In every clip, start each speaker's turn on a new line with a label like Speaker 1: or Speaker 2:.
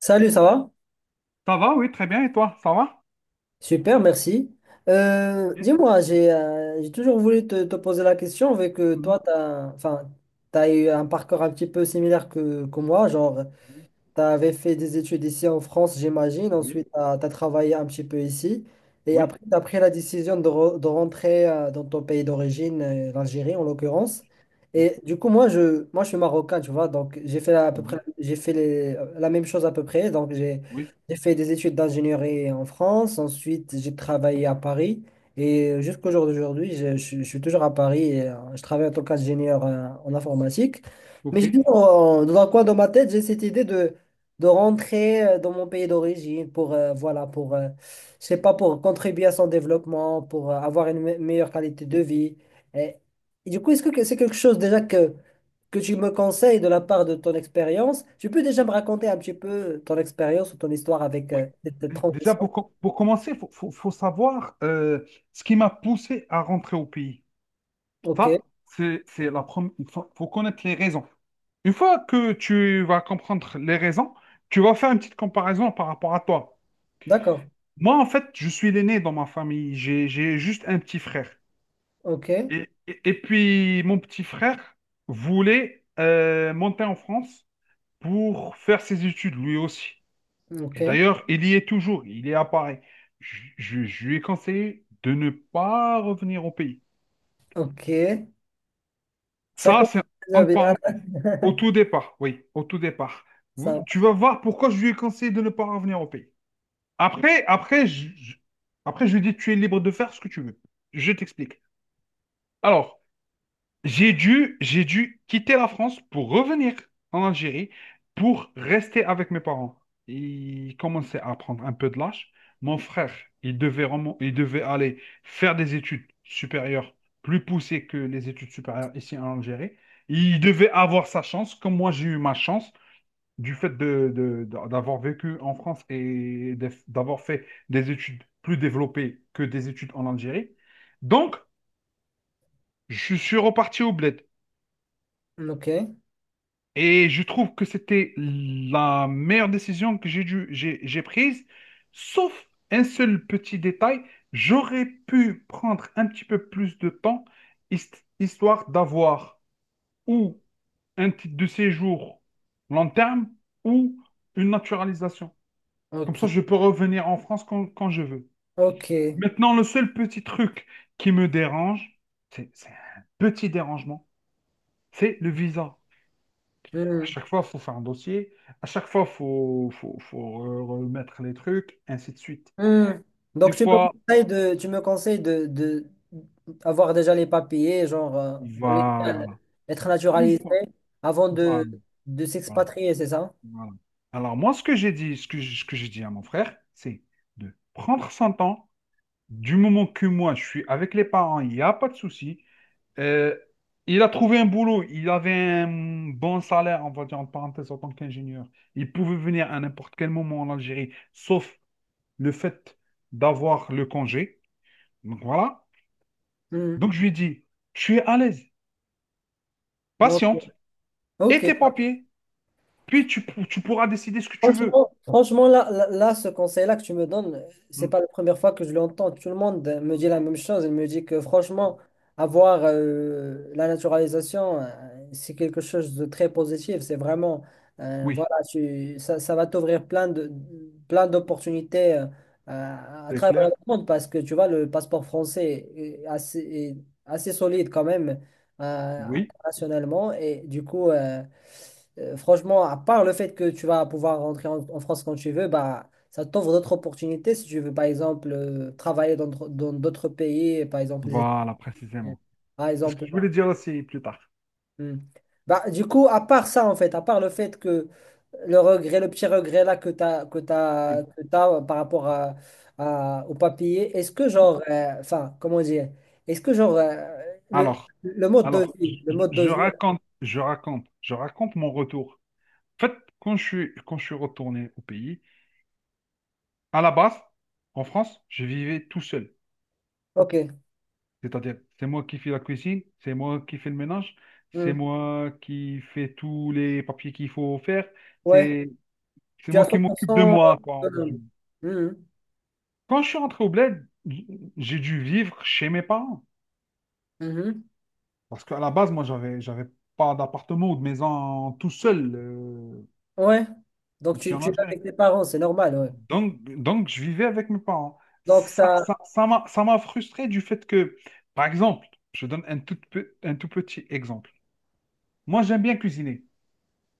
Speaker 1: Salut, ça va?
Speaker 2: Ça va, oui, très bien. Et toi, ça va?
Speaker 1: Super, merci.
Speaker 2: Eh,
Speaker 1: Dis-moi, j'ai toujours voulu te poser la question, vu que
Speaker 2: mhm,
Speaker 1: toi, tu as, enfin, t'as eu un parcours un petit peu similaire que moi. Genre,
Speaker 2: mhm.
Speaker 1: tu avais fait des études ici en France, j'imagine. Ensuite, tu as travaillé un petit peu ici. Et
Speaker 2: Oui,
Speaker 1: après, tu as pris la décision de rentrer dans ton pays d'origine,
Speaker 2: oui,
Speaker 1: l'Algérie en l'occurrence.
Speaker 2: oui,
Speaker 1: Et du coup, moi, je suis marocain, tu vois. Donc, j'ai fait à peu
Speaker 2: oui,
Speaker 1: près,
Speaker 2: oui,
Speaker 1: la même chose à peu près. Donc, j'ai,
Speaker 2: oui.
Speaker 1: j'ai fait des études d'ingénierie en France. Ensuite, j'ai travaillé à Paris. Et jusqu'au jour d'aujourd'hui, je suis toujours à Paris et je travaille en tant qu'ingénieur en informatique. Mais
Speaker 2: OK.
Speaker 1: j'ai toujours, dans un coin de ma tête, j'ai cette idée de rentrer dans mon pays d'origine pour, voilà, pour, je sais pas, pour contribuer à son développement, pour avoir une meilleure qualité de vie. Et, et du coup, est-ce que c'est quelque chose déjà que tu me conseilles de la part de ton expérience? Tu peux déjà me raconter un petit peu ton expérience ou ton histoire avec
Speaker 2: Oui.
Speaker 1: cette
Speaker 2: Déjà,
Speaker 1: transition?
Speaker 2: pour commencer, il faut savoir, ce qui m'a poussé à rentrer au pays.
Speaker 1: Ok,
Speaker 2: Ça, c'est la première. Il faut connaître les raisons. Une fois que tu vas comprendre les raisons, tu vas faire une petite comparaison par rapport à toi.
Speaker 1: d'accord.
Speaker 2: Moi, en fait, je suis l'aîné dans ma famille. J'ai juste un petit frère.
Speaker 1: Ok,
Speaker 2: Et puis, mon petit frère voulait monter en France pour faire ses études, lui aussi.
Speaker 1: ok,
Speaker 2: Et d'ailleurs, il y est toujours, il est à Paris. Je lui ai conseillé de ne pas revenir au pays.
Speaker 1: ok. Ça
Speaker 2: Ça,
Speaker 1: commence
Speaker 2: c'est
Speaker 1: déjà
Speaker 2: entre
Speaker 1: bien,
Speaker 2: parenthèses. Au tout départ, oui, au tout départ.
Speaker 1: ça.
Speaker 2: Tu vas voir pourquoi je lui ai conseillé de ne pas revenir au pays. Après, après, je, je- après, je lui ai dit, tu es libre de faire ce que tu veux. Je t'explique. Alors, j'ai dû quitter la France pour revenir en Algérie pour rester avec mes parents. Ils commençaient à prendre un peu de lâche. Mon frère, il devait aller faire des études supérieures plus poussées que les études supérieures ici en Algérie. Il devait avoir sa chance, comme moi j'ai eu ma chance du fait d'avoir vécu en France et d'avoir fait des études plus développées que des études en Algérie. Donc, je suis reparti au bled.
Speaker 1: Ok,
Speaker 2: Et je trouve que c'était la meilleure décision que j'ai prise, sauf un seul petit détail. J'aurais pu prendre un petit peu plus de temps, histoire d'avoir ou un titre de séjour long terme ou une naturalisation. Comme ça,
Speaker 1: ok,
Speaker 2: je peux revenir en France quand je veux.
Speaker 1: ok.
Speaker 2: Maintenant, le seul petit truc qui me dérange, c'est un petit dérangement, c'est le visa. À
Speaker 1: Hmm.
Speaker 2: chaque fois, il faut faire un dossier. À chaque fois, il faut remettre les trucs, ainsi de suite.
Speaker 1: Hmm.
Speaker 2: Des
Speaker 1: Donc tu me
Speaker 2: fois,
Speaker 1: conseilles de, tu me conseilles de avoir déjà les papiers, genre
Speaker 2: voilà.
Speaker 1: être
Speaker 2: Une
Speaker 1: naturalisé
Speaker 2: fois.
Speaker 1: avant
Speaker 2: Voilà,
Speaker 1: de
Speaker 2: voilà,
Speaker 1: s'expatrier, c'est ça?
Speaker 2: voilà. Alors, moi, ce que j'ai dit à mon frère, c'est de prendre son temps. Du moment que moi, je suis avec les parents, il n'y a pas de souci. Euh, il a trouvé un boulot. Il avait un bon salaire, on va dire en parenthèse, en tant qu'ingénieur. Il pouvait venir à n'importe quel moment en Algérie, sauf le fait d'avoir le congé. Donc voilà.
Speaker 1: Hmm.
Speaker 2: Donc je lui ai dit, tu es à l'aise,
Speaker 1: Bon,
Speaker 2: patiente, et
Speaker 1: ok,
Speaker 2: tes papiers, puis tu pourras décider ce que tu veux.
Speaker 1: franchement, franchement là, là, là, ce conseil-là que tu me donnes, c'est
Speaker 2: Mm,
Speaker 1: pas la première fois que je l'entends. Tout le monde me dit
Speaker 2: mm.
Speaker 1: la même chose. Il me dit que franchement, avoir la naturalisation, c'est quelque chose de très positif. C'est vraiment,
Speaker 2: Oui,
Speaker 1: voilà, ça va t'ouvrir plein d'opportunités à
Speaker 2: c'est
Speaker 1: travers
Speaker 2: clair?
Speaker 1: le monde parce que tu vois, le passeport français est assez solide quand même euh,
Speaker 2: Oui,
Speaker 1: internationalement. Et du coup, franchement, à part le fait que tu vas pouvoir rentrer en France quand tu veux, bah, ça t'ouvre d'autres opportunités. Si tu veux, par exemple, travailler dans d'autres pays, par exemple les
Speaker 2: voilà,
Speaker 1: États-Unis,
Speaker 2: précisément.
Speaker 1: par
Speaker 2: C'est ce que
Speaker 1: exemple.
Speaker 2: je voulais
Speaker 1: Bah,
Speaker 2: dire aussi plus tard.
Speaker 1: hmm. Bah, du coup, à part ça, en fait, à part le fait que le regret, le petit regret là que tu as,
Speaker 2: Oui.
Speaker 1: que t'as par rapport au papier, est-ce que genre, enfin, comment dire, est-ce que genre, euh, le,
Speaker 2: Alors,
Speaker 1: le mode de
Speaker 2: alors, je,
Speaker 1: vie, le
Speaker 2: je-
Speaker 1: mode de
Speaker 2: je
Speaker 1: vie,
Speaker 2: raconte, je raconte, je raconte mon retour. En fait, quand je suis retourné au pays, à la base, en France, je vivais tout seul.
Speaker 1: ok,
Speaker 2: C'est-à-dire, c'est moi qui fais la cuisine, c'est moi qui fais le ménage, c'est
Speaker 1: Hmm.
Speaker 2: moi qui fais tous les papiers qu'il faut faire,
Speaker 1: ouais.
Speaker 2: c'est c'est
Speaker 1: Tu es à
Speaker 2: moi qui
Speaker 1: cent pour
Speaker 2: m'occupe de
Speaker 1: cent
Speaker 2: moi, quoi, en
Speaker 1: autonome.
Speaker 2: résumé.
Speaker 1: Mhm.
Speaker 2: Quand je suis rentré au bled, j'ai dû vivre chez mes parents.
Speaker 1: Mhm.
Speaker 2: Parce qu'à la base, moi, j'avais pas d'appartement ou de maison tout seul,
Speaker 1: Ouais. Donc,
Speaker 2: ici
Speaker 1: tu,
Speaker 2: en
Speaker 1: tu es
Speaker 2: Algérie.
Speaker 1: avec tes parents, c'est normal, ouais.
Speaker 2: Donc, je vivais avec mes parents.
Speaker 1: Donc,
Speaker 2: Ça,
Speaker 1: ça.
Speaker 2: ça, ça m'a, ça m'a frustré du fait que, par exemple, je donne un tout petit exemple. Moi, j'aime bien cuisiner.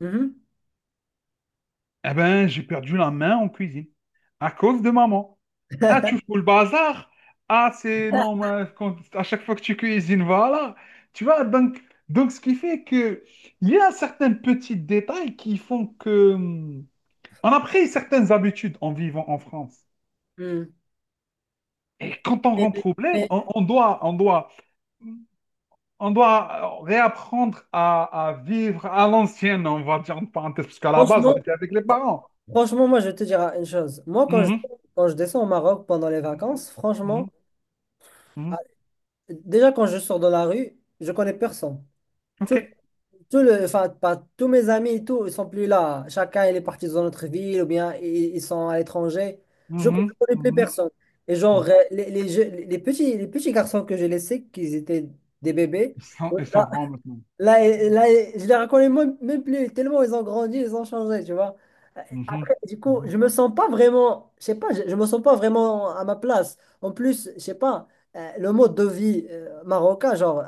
Speaker 1: Mhm.
Speaker 2: Eh ben, j'ai perdu la main en cuisine à cause de maman. Ah, tu fous le bazar? Ah, c'est non, mais à chaque fois que tu cuisines, voilà. Tu vois, donc ce qui fait que il y a certains petits détails qui font que on a pris certaines habitudes en vivant en France.
Speaker 1: Mhm.
Speaker 2: Et quand on
Speaker 1: Mais-
Speaker 2: rentre au bled,
Speaker 1: mais
Speaker 2: on doit réapprendre à vivre à l'ancienne, on va dire en parenthèse, parce qu'à la base, on
Speaker 1: franchement,
Speaker 2: était avec les
Speaker 1: fr-
Speaker 2: parents.
Speaker 1: franchement, moi, je vais te dire une chose. Moi, quand je,
Speaker 2: Mhm.
Speaker 1: quand je descends au Maroc pendant les vacances, franchement,
Speaker 2: Mhm. Mhm.
Speaker 1: ah, déjà, quand je sors dans la rue, je connais personne.
Speaker 2: OK.
Speaker 1: Tout enfin, tous mes amis et tout, ils sont plus là. Chacun, il est parti dans notre ville ou bien ils sont à l'étranger. Je ne
Speaker 2: Mhm,
Speaker 1: connais plus
Speaker 2: mhm,
Speaker 1: personne. Et genre,
Speaker 2: mhm.
Speaker 1: les petits garçons que j'ai laissés, qu'ils étaient des bébés,
Speaker 2: Ils sont,
Speaker 1: ouais,
Speaker 2: ils sont
Speaker 1: là,
Speaker 2: grands maintenant.
Speaker 1: là, là, et je les reconnais même, même plus, tellement ils ont grandi, ils ont changé, tu vois.
Speaker 2: Mhm,
Speaker 1: Du coup,
Speaker 2: mhm.
Speaker 1: je me sens pas vraiment, je sais pas, je me sens pas vraiment à ma place. En plus, je sais pas, le mode de vie marocain, genre,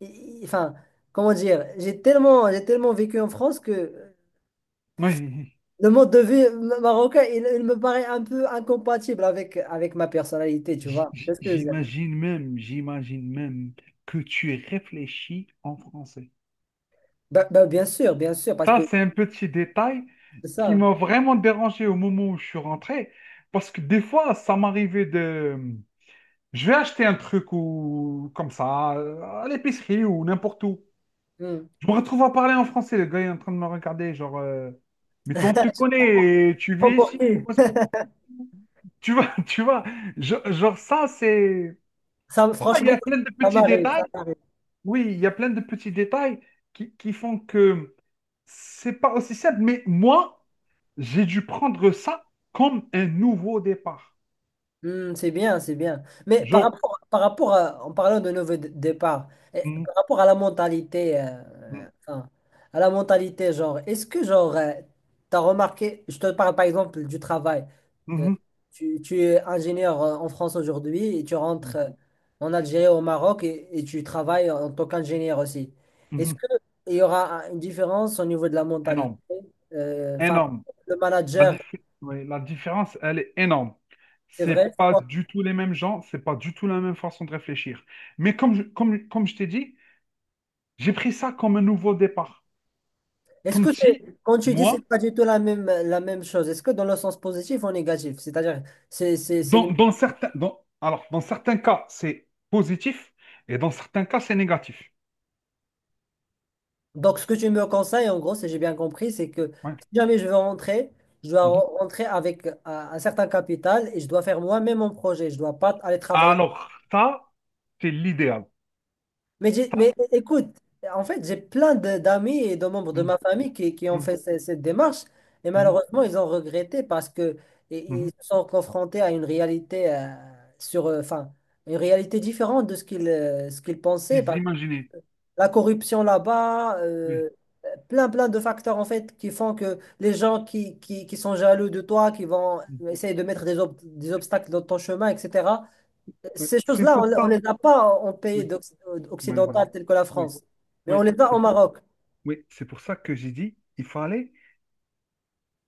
Speaker 1: enfin, comment dire, j'ai tellement vécu en France que
Speaker 2: Oui,
Speaker 1: le mode de vie marocain, il me paraît un peu incompatible avec ma personnalité, tu
Speaker 2: j-
Speaker 1: vois.
Speaker 2: j-
Speaker 1: Qu'est-ce que je veux dire.
Speaker 2: j'imagine même, j'imagine même que tu réfléchis en français.
Speaker 1: Ben, bien sûr, parce
Speaker 2: Ça,
Speaker 1: que
Speaker 2: c'est un petit détail
Speaker 1: c'est ça,
Speaker 2: qui
Speaker 1: hein.
Speaker 2: m'a vraiment dérangé au moment où je suis rentré, parce que des fois, ça m'arrivait de. Je vais acheter un truc ou comme ça, à l'épicerie ou n'importe où.
Speaker 1: Hmm.
Speaker 2: Je me retrouve à parler en français, le gars est en train de me regarder, genre, mais toi, on te connaît, tu
Speaker 1: Prends
Speaker 2: vis
Speaker 1: pour
Speaker 2: ici,
Speaker 1: qui?
Speaker 2: comment est-ce que tu- Tu vois, tu vois, genre ça, c'est.
Speaker 1: Ça,
Speaker 2: Tu vois, il y
Speaker 1: franchement,
Speaker 2: a plein de
Speaker 1: ça
Speaker 2: petits
Speaker 1: m'arrive, ça
Speaker 2: détails.
Speaker 1: m'arrive.
Speaker 2: Oui, il y a plein de petits détails qui font que c'est pas aussi simple. Mais moi, j'ai dû prendre ça comme un nouveau départ.
Speaker 1: Hmm, c'est bien, c'est bien. Mais par
Speaker 2: Genre,
Speaker 1: rapport, par rapport à, en parlant de nouveau départ, eh,
Speaker 2: mhm,
Speaker 1: par rapport à la mentalité, enfin, à la mentalité, genre, est-ce que, genre, tu as remarqué, je te parle par exemple du travail. Euh,
Speaker 2: mhm,
Speaker 1: tu es ingénieur en France aujourd'hui et tu rentres en Algérie, au Maroc et tu travailles en tant qu'ingénieur aussi.
Speaker 2: mhm,
Speaker 1: Est-ce
Speaker 2: mhm,
Speaker 1: qu'il y aura une différence au niveau de la mentalité?
Speaker 2: énorme,
Speaker 1: Enfin,
Speaker 2: énorme.
Speaker 1: le manager,
Speaker 2: Ouais, la différence, elle est énorme.
Speaker 1: c'est vrai?
Speaker 2: C'est pas du tout les mêmes gens, c'est pas du tout la même façon de réfléchir. Mais comme je t'ai dit, j'ai pris ça comme un nouveau départ.
Speaker 1: Est-ce que
Speaker 2: Comme si,
Speaker 1: c'est, quand tu dis
Speaker 2: moi,
Speaker 1: c'est pas du tout la même chose, est-ce que dans le sens positif ou négatif? C'est-à-dire. c'est, c'est, c'est lim-
Speaker 2: alors, dans certains cas, c'est positif et dans certains cas, c'est négatif.
Speaker 1: Donc, ce que tu me conseilles, en gros, si j'ai bien compris, c'est que
Speaker 2: Ouais.
Speaker 1: si jamais je veux rentrer, je dois
Speaker 2: Mhm.
Speaker 1: rentrer avec un certain capital et je dois faire moi-même mon projet. Je dois pas aller travailler.
Speaker 2: Alors, ça, c'est l'idéal.
Speaker 1: Mais, j'ai-
Speaker 2: Ça,
Speaker 1: mais écoute, en fait, j'ai plein d'amis et de membres de
Speaker 2: mm,
Speaker 1: ma famille qui ont
Speaker 2: mm,
Speaker 1: fait cette démarche et
Speaker 2: mm,
Speaker 1: malheureusement, ils ont regretté parce que i- ils
Speaker 2: mhm.
Speaker 1: se sont confrontés à une réalité enfin, une réalité différente de ce qu'ils pensaient.
Speaker 2: Puis imaginez.
Speaker 1: La corruption là-bas,
Speaker 2: Oui,
Speaker 1: plein plein de facteurs en fait qui font que les gens qui sont jaloux de toi, qui vont
Speaker 2: mm,
Speaker 1: essayer de mettre des obstacles dans ton chemin, etc.
Speaker 2: ouais.
Speaker 1: Ces
Speaker 2: C'est
Speaker 1: choses-là,
Speaker 2: pour
Speaker 1: on
Speaker 2: ça.
Speaker 1: les a pas en pays
Speaker 2: Oui, ouais, ouais.
Speaker 1: occidental tel que la
Speaker 2: Oui,
Speaker 1: France, mais on
Speaker 2: oui.
Speaker 1: les a au Maroc.
Speaker 2: Oui, c'est pour ça que j'ai dit, il fallait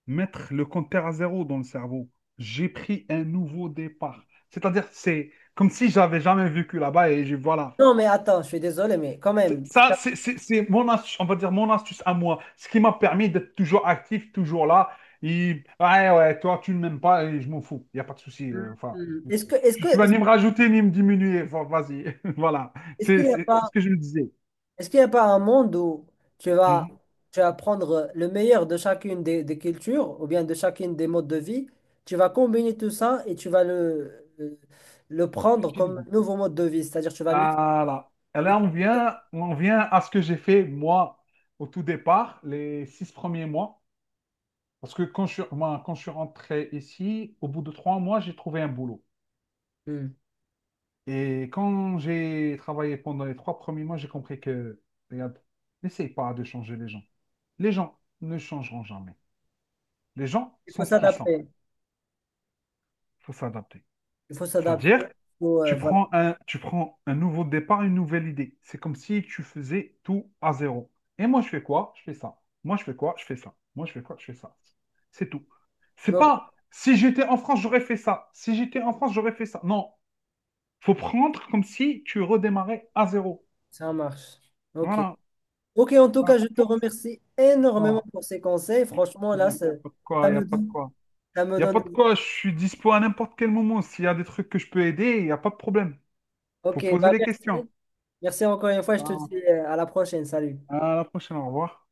Speaker 2: mettre le compteur à zéro dans le cerveau. J'ai pris un nouveau départ. C'est-à-dire, c'est comme si j'avais jamais vécu là-bas et je, voilà,
Speaker 1: Non, mais attends, je suis désolé, mais quand
Speaker 2: C'est-
Speaker 1: même,
Speaker 2: Ça, c'est mon astuce, on va dire mon astuce à moi. Ce qui m'a permis d'être toujours actif, toujours là. Et, ouais, ouais, toi, tu ne m'aimes pas et je m'en fous. Il n'y a pas de souci. Enfin,
Speaker 1: est-ce que, est-ce
Speaker 2: tu,
Speaker 1: que,
Speaker 2: tu vas ni me rajouter ni me diminuer. Enfin, vas-y. Voilà.
Speaker 1: est-ce
Speaker 2: C'est
Speaker 1: qu'il n'y a
Speaker 2: c'est- c'est
Speaker 1: pas,
Speaker 2: ce que je me disais.
Speaker 1: est-ce qu'il n'y a pas un monde où tu vas,
Speaker 2: Mhm.
Speaker 1: tu vas prendre le meilleur de chacune des cultures ou bien de chacune des modes de vie, tu vas combiner tout ça et tu vas le
Speaker 2: Je
Speaker 1: prendre
Speaker 2: te l'ai
Speaker 1: comme
Speaker 2: dit.
Speaker 1: nouveau mode de vie, c'est-à-dire tu vas mixer.
Speaker 2: Voilà. Et là, on vient à ce que j'ai fait, moi, au tout départ, les 6 premiers mois. Parce que moi, quand je suis rentré ici, au bout de 3 mois, j'ai trouvé un boulot.
Speaker 1: Hmm.
Speaker 2: Et quand j'ai travaillé pendant les 3 premiers mois, j'ai compris que, regarde, n'essaye pas de changer les gens. Les gens ne changeront jamais. Les gens
Speaker 1: Il faut
Speaker 2: sont ce qu'ils sont.
Speaker 1: s'adapter,
Speaker 2: Il faut s'adapter.
Speaker 1: il faut s'adapter, il
Speaker 2: C'est-à-dire,
Speaker 1: faut,
Speaker 2: tu
Speaker 1: voilà.
Speaker 2: prends un, tu prends un nouveau départ, une nouvelle idée. C'est comme si tu faisais tout à zéro. Et moi, je fais quoi? Je fais ça. Moi, je fais quoi? Je fais ça. Moi, je fais quoi? Je fais ça. C'est tout. C'est
Speaker 1: Donc,
Speaker 2: pas, si j'étais en France, j'aurais fait ça. Si j'étais en France, j'aurais fait ça. Non. Faut prendre comme si tu redémarrais à zéro.
Speaker 1: ça marche. Ok.
Speaker 2: Voilà.
Speaker 1: Ok, en tout
Speaker 2: Ah,
Speaker 1: cas, je te remercie énormément
Speaker 2: Voilà.
Speaker 1: pour ces conseils.
Speaker 2: Il
Speaker 1: Franchement,
Speaker 2: n'y
Speaker 1: là,
Speaker 2: a pas de quoi,
Speaker 1: ça
Speaker 2: il n'y a
Speaker 1: me
Speaker 2: pas de
Speaker 1: donne,
Speaker 2: quoi.
Speaker 1: ça me
Speaker 2: Il n'y a pas de
Speaker 1: donne.
Speaker 2: quoi, je suis dispo à n'importe quel moment. S'il y a des trucs que je peux aider, il n'y a pas de problème.
Speaker 1: Ok,
Speaker 2: Faut poser
Speaker 1: bah
Speaker 2: les questions.
Speaker 1: merci. Merci encore une fois. Je te
Speaker 2: Voilà.
Speaker 1: dis à la prochaine. Salut.
Speaker 2: À la prochaine, au revoir.